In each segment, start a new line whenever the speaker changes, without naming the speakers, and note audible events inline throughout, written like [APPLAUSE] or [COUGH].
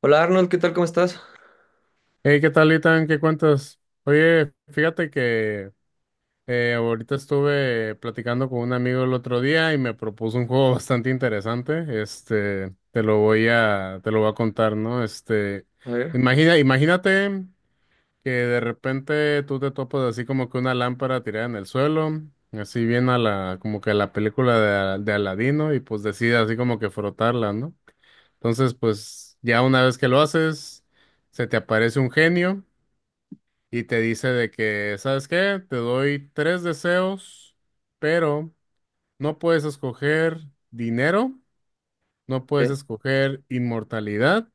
Hola Arnold, ¿qué tal? ¿Cómo estás?
Hey, ¿qué tal, Itan? ¿Qué cuentas? Oye, fíjate que ahorita estuve platicando con un amigo el otro día y me propuso un juego bastante interesante. Este, te lo voy a contar, ¿no? Este,
A ver,
imagínate que de repente tú te topas así como que una lámpara tirada en el suelo, así bien a la, como que a la película de, de Aladino y pues decides así como que frotarla, ¿no? Entonces, pues ya una vez que lo haces, se te aparece un genio y te dice de que, ¿sabes qué? Te doy tres deseos, pero no puedes escoger dinero, no puedes
¿qué?
escoger inmortalidad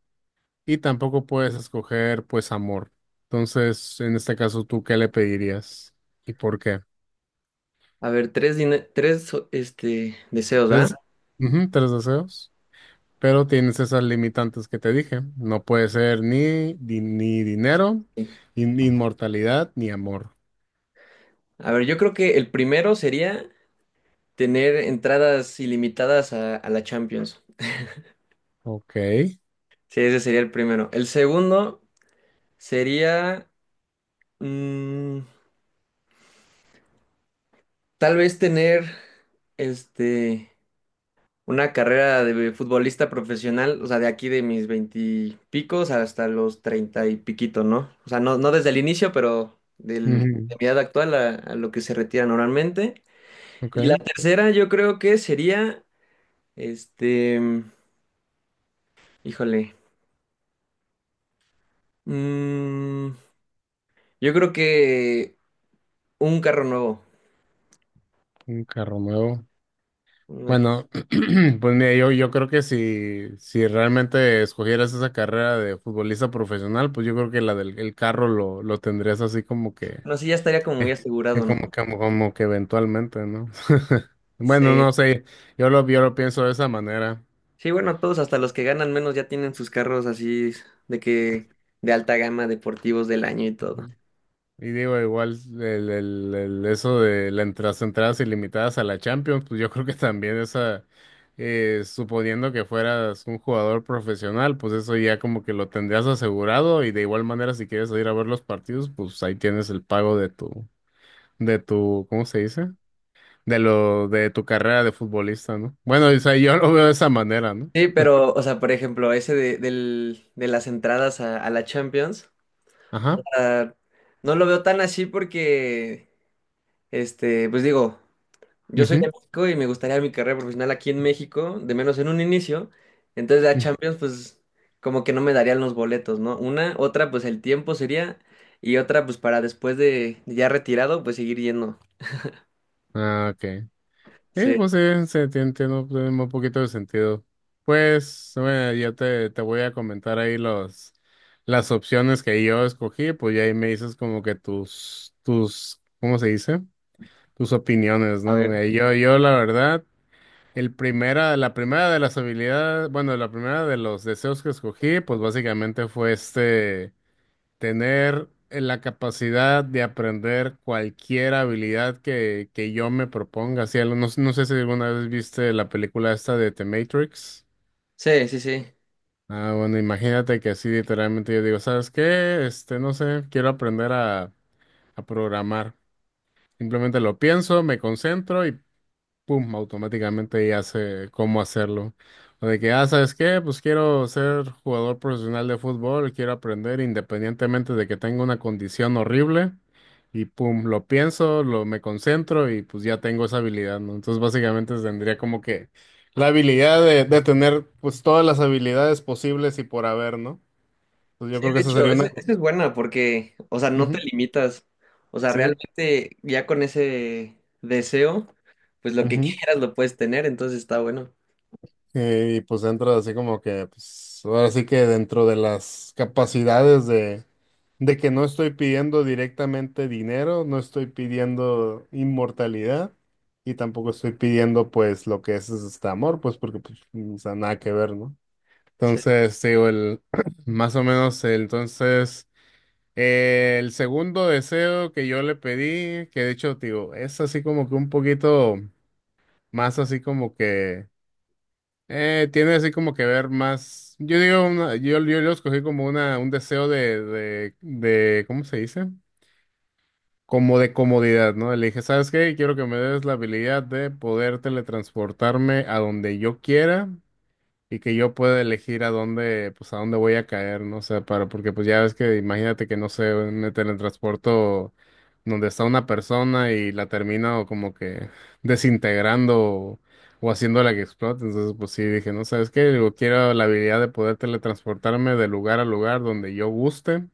y tampoco puedes escoger, pues, amor. Entonces, en este caso, ¿tú qué le pedirías y por qué?
A ver, tres, deseos, ¿ah?
Tres, ujú, tres deseos, pero tienes esas limitantes que te dije. No puede ser ni dinero,
Sí.
ni inmortalidad, ni amor.
A ver, yo creo que el primero sería tener entradas ilimitadas a la Champions.
Ok.
Sí, ese sería el primero. El segundo sería mm, tal vez tener este Una carrera de futbolista profesional, o sea, de aquí de mis veintipicos hasta los treinta y piquito, ¿no? O sea, no, no desde el inicio, pero del,
Ujú,
de mi edad actual a lo que se retira normalmente.
Ok.
Y la tercera yo creo que sería, este, híjole, mm, yo creo que un carro nuevo.
Un carro nuevo.
No,
Bueno, [CLEARS THROAT] pues mira, yo creo que si realmente escogieras esa carrera de futbolista profesional, pues yo creo que la del el carro lo tendrías así como que,
no sé, ya estaría como muy asegurado, ¿no?
como que eventualmente, ¿no? [LAUGHS] Bueno,
Sí.
no sé, yo lo pienso de esa manera.
Sí, bueno, todos, hasta los que ganan menos ya tienen sus carros así de que de alta gama, deportivos del año y todo.
Y digo, igual eso de las entradas ilimitadas a la Champions, pues yo [LAUGHS] creo que también esa, suponiendo que fueras un jugador profesional, pues eso ya como que lo tendrías asegurado y de igual manera si quieres ir a ver los partidos, pues ahí tienes el pago de tu, ¿cómo se dice? De lo, de tu carrera de futbolista, ¿no? Bueno, o sea, yo lo veo de esa manera, ¿no?
Sí, pero, o sea, por ejemplo, ese de las entradas a la Champions,
Ajá.
ah, no lo veo tan así porque, pues digo, yo soy de
Ujú,
México y me gustaría mi carrera profesional aquí en México, de menos en un inicio, entonces la
mm,
Champions, pues, como que no me darían los boletos, ¿no? Una, otra, pues el tiempo sería, y otra, pues para después de ya retirado, pues seguir yendo.
ah, ok. Sí,
Sí,
pues sí, tiene un poquito de sentido. Pues, bueno, te voy a comentar ahí los, las opciones que yo escogí, pues ya ahí me dices como que tus, ¿cómo se dice? Tus opiniones,
a
¿no?
ver.
Yo la verdad, la primera de las habilidades, bueno, la primera de los deseos que escogí, pues básicamente fue este tener la capacidad de aprender cualquier habilidad que yo me proponga. Sí, no, no sé si alguna vez viste la película esta de The Matrix.
Sí, sí, sí.
Ah, bueno, imagínate que así literalmente yo digo, ¿sabes qué? Este, no sé, quiero aprender a programar. Simplemente lo pienso, me concentro y pum, automáticamente ya sé cómo hacerlo. O de que, ah, ¿sabes qué? Pues quiero ser jugador profesional de fútbol, quiero aprender independientemente de que tenga una condición horrible. Y pum, lo pienso, lo me concentro y pues ya tengo esa habilidad, ¿no? Entonces básicamente tendría como que la habilidad de tener pues todas las habilidades posibles y por haber, ¿no? Entonces yo
Sí,
creo que
de
esa
hecho,
sería
esa
una...
esa es buena porque, o sea, no te
Ujú,
limitas. O sea,
sí.
realmente ya con ese deseo, pues lo que
Ujú.
quieras lo puedes tener, entonces está bueno.
Y pues entra así como que, pues ahora sí que dentro de las capacidades de que no estoy pidiendo directamente dinero, no estoy pidiendo inmortalidad y tampoco estoy pidiendo pues lo que es este amor, pues porque pues, o sea, nada que ver, ¿no?
Sí,
Entonces, te digo, el, [CLEARS THROAT] más o menos, el segundo deseo que yo le pedí, que de hecho, te digo, es así como que un poquito más así como que, tiene así como que ver más, yo digo, yo lo escogí como un deseo de, ¿cómo se dice? Como de comodidad, ¿no? Le dije, ¿sabes qué? Quiero que me des la habilidad de poder teletransportarme a donde yo quiera y que yo pueda elegir a dónde, pues a dónde voy a caer, ¿no? O sea, para, porque pues ya ves que imagínate que no sé, me teletransporto donde está una persona y la termino como que desintegrando o haciéndola que explote. Entonces, pues sí, dije, ¿no? ¿Sabes qué? Digo, quiero la habilidad de poder teletransportarme de lugar a lugar donde yo guste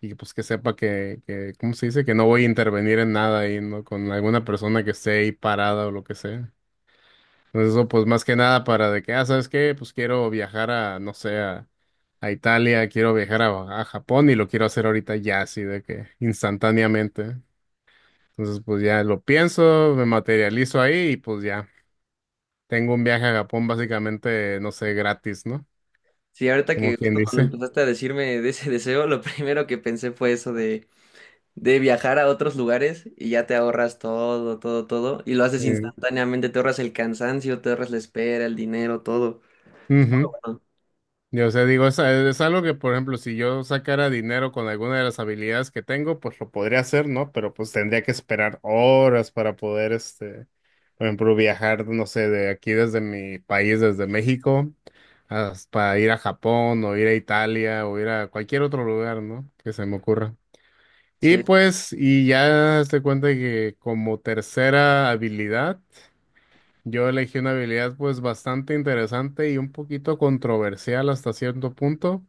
y pues que sepa que, ¿cómo se dice? Que no voy a intervenir en nada ahí, ¿no? Con alguna persona que esté ahí parada o lo que sea. Entonces eso pues más que nada para de que, ah, ¿sabes qué? Pues quiero viajar a, no sé, a Italia, quiero viajar a Japón y lo quiero hacer ahorita ya, así de que instantáneamente. Entonces pues ya lo pienso, me materializo ahí y pues ya tengo un viaje a Japón básicamente, no sé, gratis, ¿no?
sí, ahorita
Como
que
quien
justo cuando
dice.
empezaste a decirme de ese [LAUGHS] deseo, lo primero que pensé fue eso de viajar a otros lugares y ya te ahorras todo, todo, todo, y lo haces
Eh,
instantáneamente, te ahorras el cansancio, te ahorras la espera, el dinero, todo.
ujú.
Bueno,
Yo, sé, digo, es algo que, por ejemplo, si yo sacara dinero con alguna de las habilidades que tengo, pues lo podría hacer, ¿no? Pero pues tendría que esperar horas para poder, este, por ejemplo, viajar, no sé, de aquí desde mi país, desde México, para ir a Japón o ir a Italia o ir a cualquier otro lugar, ¿no? Que se me ocurra. Y
sí,
pues, y ya te cuenta que como tercera habilidad, yo elegí una habilidad pues bastante interesante y un poquito controversial hasta cierto punto,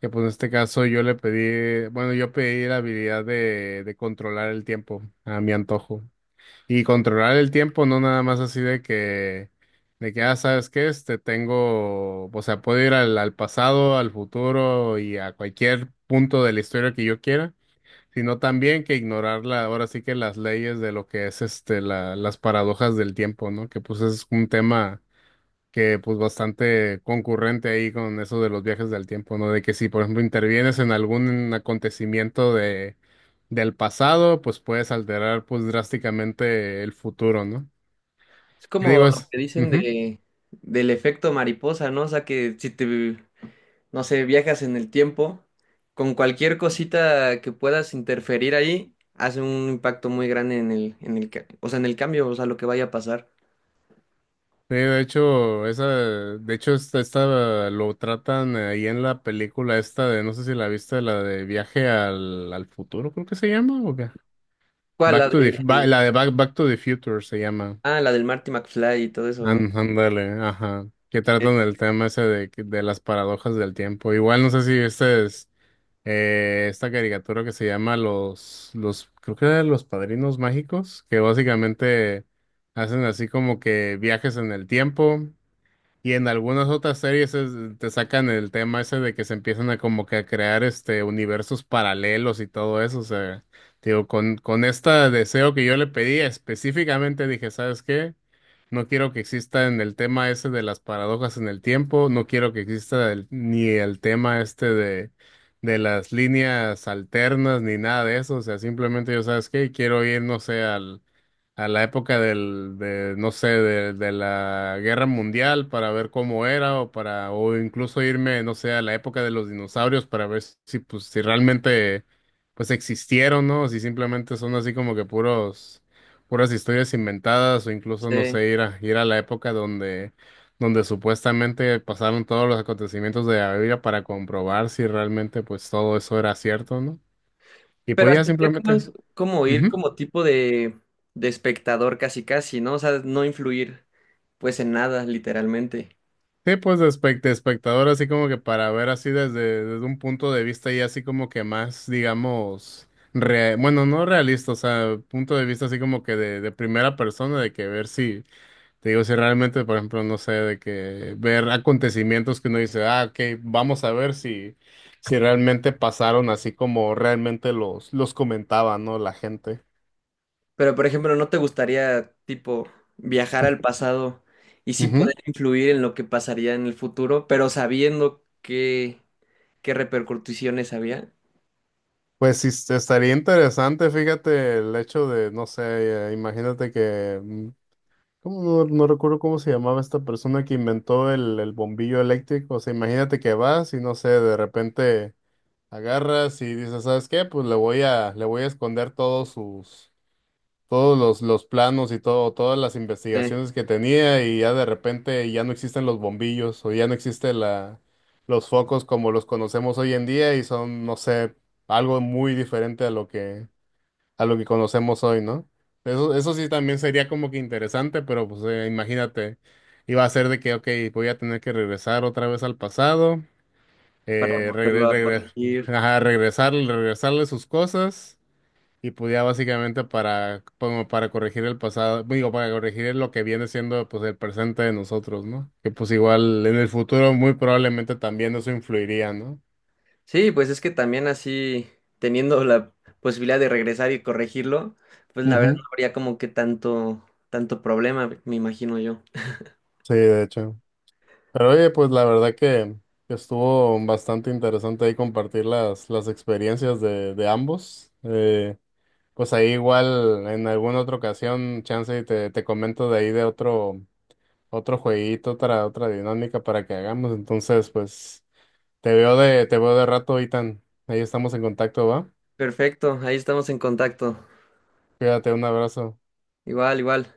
que pues en este caso yo le pedí, bueno, yo pedí la habilidad de controlar el tiempo a mi antojo. Y controlar el tiempo no nada más así de que, ah, ¿sabes qué? Este, tengo, o sea, puedo ir al pasado, al futuro y a cualquier punto de la historia que yo quiera sino también que ignorar la, ahora sí que las leyes de lo que es este las paradojas del tiempo, ¿no? Que pues es un tema que pues bastante concurrente ahí con eso de los viajes del tiempo, ¿no? De que si por ejemplo intervienes en algún acontecimiento de del pasado, pues puedes alterar pues drásticamente el futuro, ¿no?
es
¿Qué
como
digo
lo
es?
que dicen del efecto mariposa, ¿no? O sea, que si te no sé, viajas en el tiempo, con cualquier cosita que puedas interferir ahí, hace un impacto muy grande o sea, en el cambio, o sea, lo que vaya a pasar.
Sí, de hecho, esa, de hecho, esta lo tratan ahí en la película esta de, no sé si la viste, la de Viaje al futuro, creo que se llama, ¿o qué?
¿Cuál?
Back
La
to the,
de,
ba- la de Back, Back to the Future se llama.
ah, la del Marty McFly y todo eso, ¿no?
Ándale, ajá. Que
Sí.
tratan el tema ese de las paradojas del tiempo. Igual no sé si este es esta caricatura que se llama los, creo que era Los Padrinos Mágicos, que básicamente hacen así como que viajes en el tiempo. Y en algunas otras series te sacan el tema ese de que se empiezan a como que a crear este universos paralelos y todo eso. O sea, digo, con este deseo que yo le pedí específicamente dije, ¿sabes qué? No quiero que exista en el tema ese de las paradojas en el tiempo, no quiero que exista ni el tema este de las líneas alternas, ni nada de eso. O sea, simplemente yo, ¿sabes qué? Quiero ir, no sé, a la época de, no sé, de la guerra mundial para ver cómo era o para, o incluso irme, no sé, a la época de los dinosaurios para ver si, pues, si realmente, pues, existieron, ¿no? Si simplemente son así como que puras historias inventadas o incluso, no
Sí.
sé, ir a la época donde, donde supuestamente pasaron todos los acontecimientos de la Biblia para comprobar si realmente, pues, todo eso era cierto, ¿no? Y
Pero
pues ya
hasta sería como,
simplemente.
es- como ir
Ujú.
como tipo de espectador casi casi, ¿no? O sea, no influir pues en nada, literalmente.
Sí, pues de, de espectador, así como que para ver así desde, desde un punto de vista y así como que más, digamos, bueno, no realista, o sea, punto de vista así como que de primera persona, de que ver si, te digo, si realmente, por ejemplo, no sé, de que ver acontecimientos que uno dice, ah, ok, vamos a ver si, si realmente pasaron así como realmente los comentaba, ¿no? La gente.
Pero, por ejemplo, ¿no te gustaría, tipo, viajar al pasado y sí
Ujú.
poder influir en lo que pasaría en el futuro, pero sabiendo qué repercusiones había?
Pues sí, estaría interesante, fíjate, el hecho de, no sé, imagínate que mm, ¿Cómo no recuerdo cómo se llamaba esta persona que inventó el bombillo eléctrico? O sea, imagínate que vas y no sé, de repente agarras y dices, ¿sabes qué? Pues le voy a esconder todos sus, todos los planos y todo, todas las
Sí,
investigaciones que tenía y ya de repente ya no existen los bombillos o ya no existe la, los focos como los conocemos hoy en día y son, no sé, algo muy diferente a lo que conocemos hoy, ¿no? Eso sí también sería como que interesante, pero pues imagínate, iba a ser de que, ok, voy a tener que regresar otra vez al pasado,
para
eh,
volverlo
regre-
a
regre-
corregir.
ajá, regresarle sus cosas y pues ya básicamente para, como para corregir el pasado, digo, para corregir lo que viene siendo pues el presente de nosotros, ¿no? Que pues igual en el futuro muy probablemente también eso influiría, ¿no?
Sí, pues es que también así, teniendo la posibilidad de regresar y corregirlo, pues la verdad
Ujú.
no habría como que tanto, tanto problema, me imagino yo.
Sí, de hecho. Pero oye, pues la verdad que estuvo bastante interesante ahí compartir las experiencias de ambos. Pues ahí igual en alguna otra ocasión, chance y te comento de ahí de otro, otro jueguito, otra, otra dinámica para que hagamos. Entonces, pues te veo de rato, Itan. Ahí estamos en contacto, ¿va?
Perfecto, ahí estamos en contacto.
Cuídate, un abrazo.
Igual, igual.